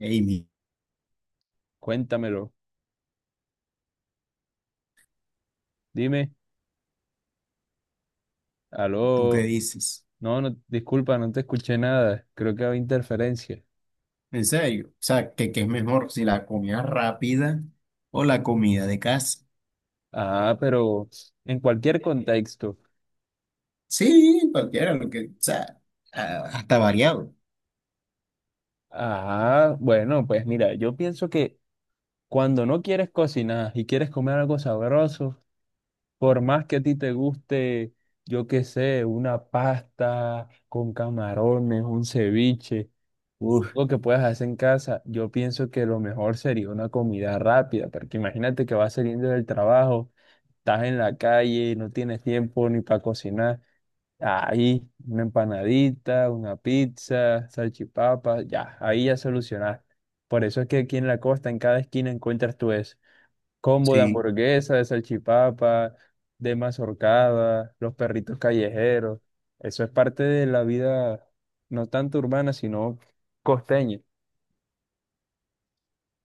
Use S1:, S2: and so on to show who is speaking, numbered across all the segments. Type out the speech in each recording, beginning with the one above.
S1: Amy,
S2: Cuéntamelo. Dime.
S1: ¿tú qué
S2: Aló.
S1: dices?
S2: No, no, disculpa, no te escuché nada. Creo que había interferencia.
S1: En serio, o sea, ¿qué es mejor si la comida rápida o la comida de casa?
S2: Ah, pero en cualquier contexto.
S1: Sí, cualquiera, lo que, o sea, hasta variado.
S2: Ah, bueno, pues mira, yo pienso que cuando no quieres cocinar y quieres comer algo sabroso, por más que a ti te guste, yo qué sé, una pasta con camarones, un ceviche,
S1: Uf,
S2: algo que puedas hacer en casa, yo pienso que lo mejor sería una comida rápida, porque imagínate que vas saliendo del trabajo. Estás en la calle, no tienes tiempo ni para cocinar, ahí una empanadita, una pizza, salchipapas, ya, ahí ya solucionaste. Por eso es que aquí en la costa, en cada esquina encuentras tú eso. Combo de
S1: sí,
S2: hamburguesa, de salchipapa, de mazorcada, los perritos callejeros. Eso es parte de la vida, no tanto urbana, sino costeña.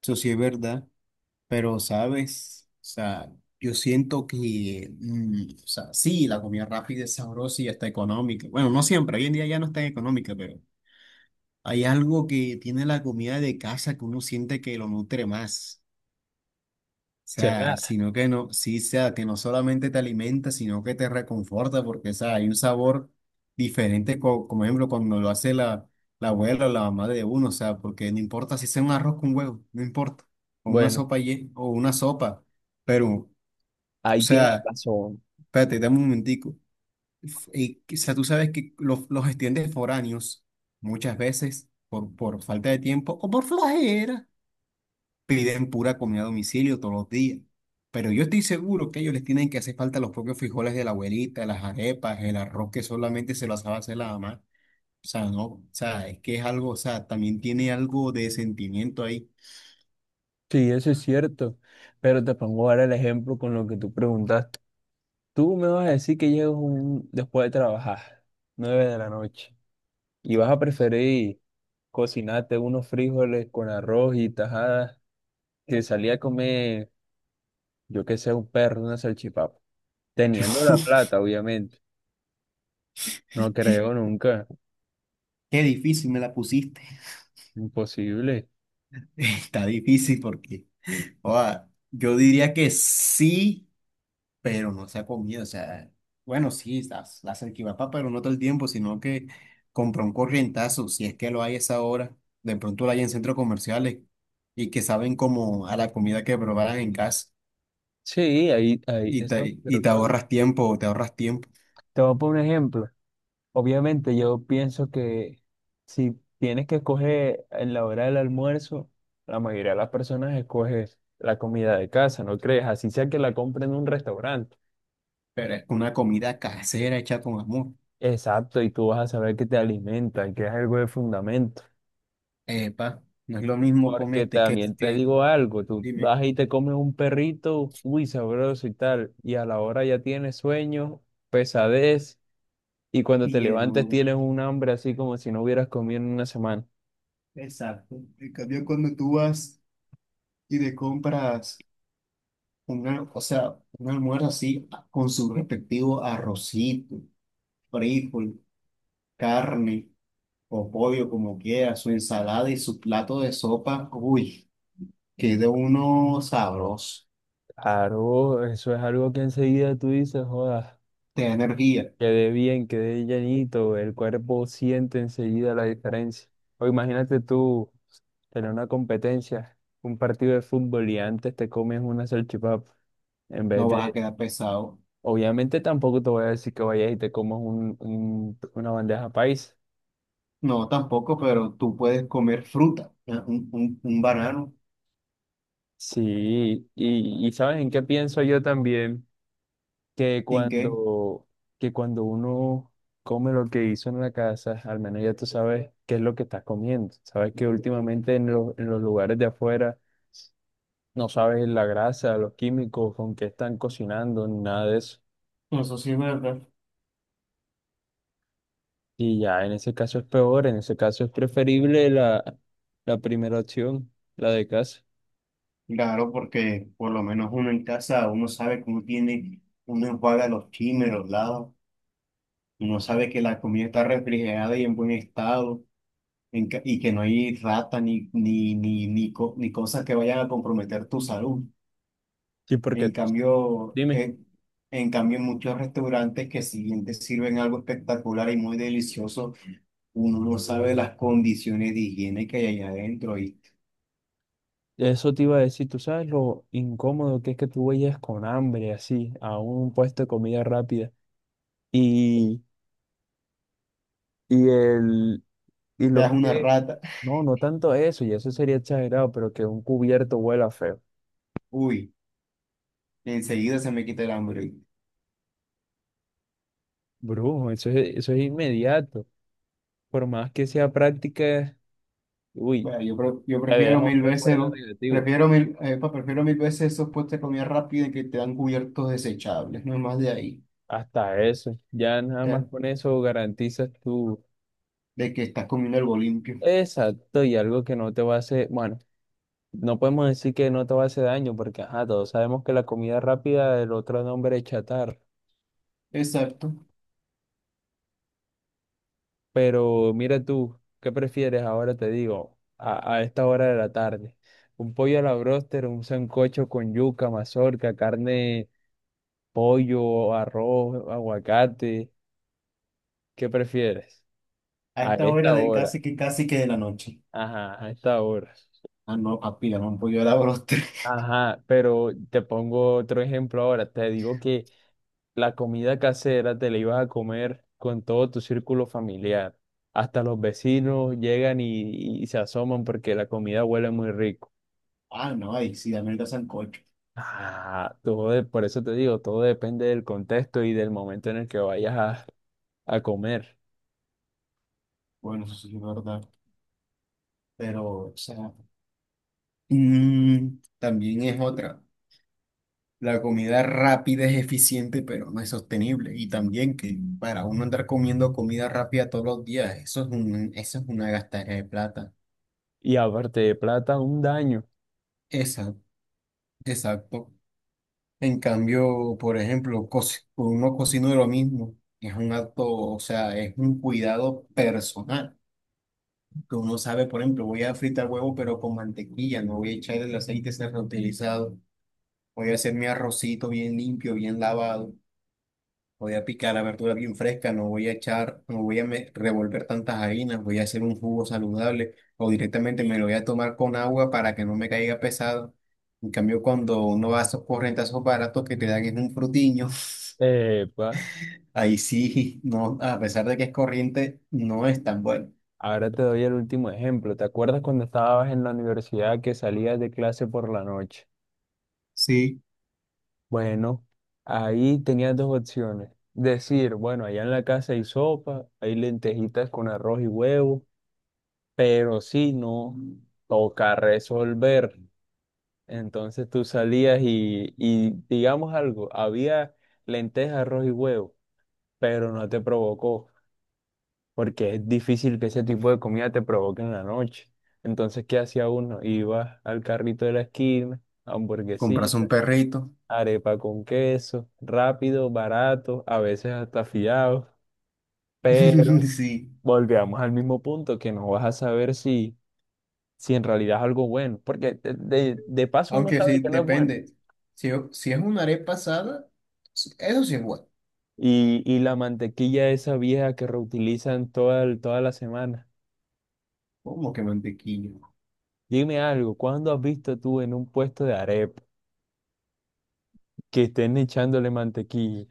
S1: eso sí es verdad, pero sabes, o sea, yo siento que, o sea, sí, la comida rápida es sabrosa y hasta económica. Bueno, no siempre, hoy en día ya no es tan económica, pero hay algo que tiene la comida de casa que uno siente que lo nutre más. O sea,
S2: ¿Será?
S1: sino que no, sí, sea, que no solamente te alimenta, sino que te reconforta, porque, o sea, hay un sabor diferente, como ejemplo, cuando lo hace la abuela o la mamá de uno, o sea, porque no importa si sea un arroz con huevo, no importa, o una
S2: Bueno,
S1: o una sopa, pero, o
S2: ahí tienes
S1: sea,
S2: razón.
S1: espérate, dame un momentico. Y, o sea, tú sabes que los estudiantes foráneos, muchas veces, por falta de tiempo o por flojera, piden pura comida a domicilio todos los días. Pero yo estoy seguro que ellos les tienen que hacer falta los propios frijoles de la abuelita, las arepas, el arroz que solamente se lo sabe hacer la mamá. O sea, no, o sea, es que es algo, o sea, también tiene algo de sentimiento ahí.
S2: Sí, eso es cierto. Pero te pongo ahora el ejemplo con lo que tú preguntaste. Tú me vas a decir que llegas después de trabajar, 9 de la noche, y vas a preferir cocinarte unos frijoles con arroz y tajadas que salir a comer, yo que sé, un perro, una salchipapa. Teniendo la plata, obviamente. No creo nunca.
S1: Qué difícil me la pusiste.
S2: Imposible.
S1: Está difícil porque, o sea, yo diría que sí, pero no se ha comido, o sea, bueno, sí, la salchipapa, pero no todo el tiempo, sino que compra un corrientazo, si es que lo hay a esa hora, de pronto lo hay en centros comerciales y que saben como a la comida que preparan en casa
S2: Sí, ahí, ahí,
S1: y
S2: eso,
S1: te, y
S2: pero
S1: te
S2: todo.
S1: ahorras tiempo, te ahorras tiempo,
S2: Te voy a poner un ejemplo. Obviamente yo pienso que si tienes que escoger en la hora del almuerzo, la mayoría de las personas escoge la comida de casa, ¿no crees? Así sea que la compren en un restaurante.
S1: pero es una comida casera hecha con amor.
S2: Exacto, y tú vas a saber que te alimentan, que es algo de fundamento.
S1: Epa, no es lo mismo
S2: Porque
S1: comerte que,
S2: también te
S1: que
S2: digo algo, tú
S1: dime.
S2: vas y te comes un perrito, uy, sabroso y tal, y a la hora ya tienes sueño, pesadez, y cuando
S1: Y
S2: te levantes
S1: llenura.
S2: tienes un hambre así como si no hubieras comido en una semana.
S1: Exacto. En cambio, cuando tú vas y te compras una, o sea, un almuerzo así con su respectivo arrocito, frijol, carne o pollo, como quiera, su ensalada y su plato de sopa. Uy, que de uno sabroso,
S2: Claro, eso es algo que enseguida tú dices, joda,
S1: te da energía,
S2: quedé bien, quedé llenito el cuerpo siente enseguida la diferencia. O imagínate tú tener una competencia, un partido de fútbol y antes te comes una salchipapa, en vez
S1: no vas a
S2: de,
S1: quedar pesado.
S2: obviamente tampoco te voy a decir que vayas y te comas un, una bandeja paisa.
S1: No, tampoco, pero tú puedes comer fruta, ¿eh? un banano,
S2: Sí, y ¿sabes en qué pienso yo también? que
S1: ¿sin qué?
S2: cuando, que cuando uno come lo que hizo en la casa, al menos ya tú sabes qué es lo que estás comiendo. Sabes que últimamente los en los lugares de afuera no sabes la grasa, los químicos, con qué están cocinando, ni nada de eso.
S1: Eso sí es verdad.
S2: Y ya en ese caso es peor, en ese caso es preferible la primera opción, la de casa.
S1: Claro, porque por lo menos uno en casa, uno sabe que uno tiene, uno enjuaga los chimes, los lados. Uno sabe que la comida está refrigerada y en buen estado en y que no hay rata ni cosas que vayan a comprometer tu salud.
S2: Sí,
S1: En
S2: porque,
S1: cambio,
S2: dime,
S1: en cambio, en muchos restaurantes que si bien te sirven algo espectacular y muy delicioso, uno no sabe las condiciones de higiene que hay allá adentro y
S2: eso te iba a decir, tú sabes lo incómodo que es que tú vayas con hambre así a un puesto de comida rápida. Y Y el, y
S1: te
S2: los
S1: das una
S2: que,
S1: rata,
S2: no, no tanto eso, y eso sería exagerado, pero que un cubierto huela feo.
S1: uy, enseguida se me quita el hambre.
S2: Brujo, eso es inmediato. Por más que sea práctica, uy,
S1: Bueno, yo, yo
S2: te
S1: prefiero
S2: deja un
S1: mil veces,
S2: recuerdo negativo.
S1: prefiero mil, epa, prefiero mil veces esos puestos de comida rápida que te dan cubiertos desechables, no hay más de ahí,
S2: Hasta eso. Ya nada más
S1: ¿ya?
S2: con eso garantizas tu.
S1: De que estás comiendo algo limpio.
S2: Exacto, y algo que no te va a hacer, bueno, no podemos decir que no te va a hacer daño, porque ajá, todos sabemos que la comida rápida, el otro nombre es chatarra.
S1: Exacto.
S2: Pero mira tú, ¿qué prefieres ahora? Te digo, a esta hora de la tarde. Un pollo a la bróster, un sancocho con yuca, mazorca, carne, pollo, arroz, aguacate. ¿Qué prefieres?
S1: A
S2: A
S1: esta hora
S2: esta
S1: del
S2: hora.
S1: casi que de la noche.
S2: Ajá, a esta hora.
S1: Ah, no, papi, dame un pollo a la broster.
S2: Ajá, pero te pongo otro ejemplo ahora. Te digo que la comida casera te la ibas a comer con todo tu círculo familiar. Hasta los vecinos llegan y se asoman porque la comida huele muy rico.
S1: Ah, no, ahí sí, dame el sancocho.
S2: Ah, por eso te digo, todo depende del contexto y del momento en el que vayas a comer.
S1: Bueno, eso sí es verdad. Pero, o sea, mm, también es otra. La comida rápida es eficiente, pero no es sostenible. Y también que para uno andar comiendo comida rápida todos los días, eso es una gastadera de plata.
S2: Y aparte de plata, un daño.
S1: Esa, exacto. En cambio, por ejemplo, uno cocina lo mismo. Es un acto, o sea, es un cuidado personal. Que uno sabe, por ejemplo, voy a fritar huevo, pero con mantequilla, no voy a echar el aceite reutilizado. Voy a hacer mi arrocito bien limpio, bien lavado. Voy a picar la verdura bien fresca, no voy a echar, no voy a me- revolver tantas harinas, voy a hacer un jugo saludable o directamente me lo voy a tomar con agua para que no me caiga pesado. En cambio, cuando uno va a esos corrientazos baratos que te dan en un frutiño,
S2: Pues,
S1: ahí sí, no, a pesar de que es corriente, no es tan bueno.
S2: ahora te doy el último ejemplo. ¿Te acuerdas cuando estabas en la universidad que salías de clase por la noche?
S1: Sí,
S2: Bueno, ahí tenías dos opciones. Decir, bueno, allá en la casa hay sopa, hay lentejitas con arroz y huevo, pero si no, toca resolver. Entonces tú salías y digamos algo, había lentejas, arroz y huevo, pero no te provocó, porque es difícil que ese tipo de comida te provoque en la noche. Entonces, ¿qué hacía uno? Iba al carrito de la esquina,
S1: compras
S2: hamburguesita,
S1: un perrito.
S2: arepa con queso, rápido, barato, a veces hasta fiado, pero
S1: Sí,
S2: volvíamos al mismo punto que no vas a saber si en realidad es algo bueno, porque de de paso uno
S1: aunque
S2: sabe
S1: sí,
S2: que no es bueno.
S1: depende. Si, si es una arepa asada, eso sí es bueno.
S2: Y la mantequilla esa vieja que reutilizan toda, toda la semana.
S1: Como que mantequilla.
S2: Dime algo, ¿cuándo has visto tú en un puesto de arepa que estén echándole mantequilla?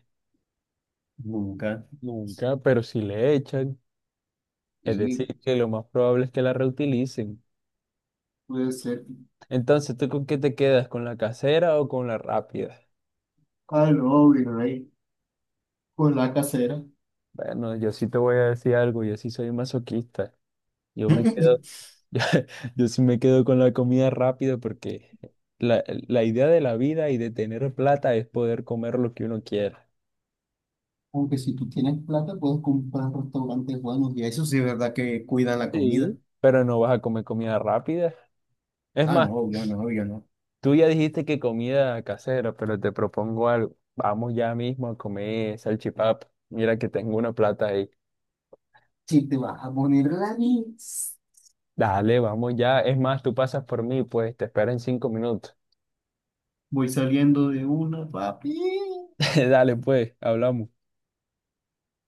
S1: Nunca.
S2: Nunca, pero si le echan, es
S1: Y
S2: decir, que lo más probable es que la reutilicen.
S1: puede ser
S2: Entonces, ¿tú con qué te quedas? ¿Con la casera o con la rápida?
S1: algo virrey con la casera.
S2: Bueno, yo sí te voy a decir algo, yo sí soy masoquista. Yo me quedo Yo sí me quedo con la comida rápida porque la idea de la vida y de tener plata es poder comer lo que uno quiera.
S1: Aunque si tú tienes plata, puedes comprar restaurantes buenos y eso sí es verdad que cuidan la comida.
S2: Sí, pero no vas a comer comida rápida. Es
S1: Ah,
S2: más,
S1: no, yo no, yo no.
S2: tú ya dijiste que comida casera, pero te propongo algo. Vamos ya mismo a comer salchipapa. Mira que tengo una plata ahí.
S1: Si te vas a poner la nits,
S2: Dale, vamos ya. Es más, tú pasas por mí, pues te espero en 5 minutos.
S1: voy saliendo de una, papi.
S2: Dale, pues, hablamos.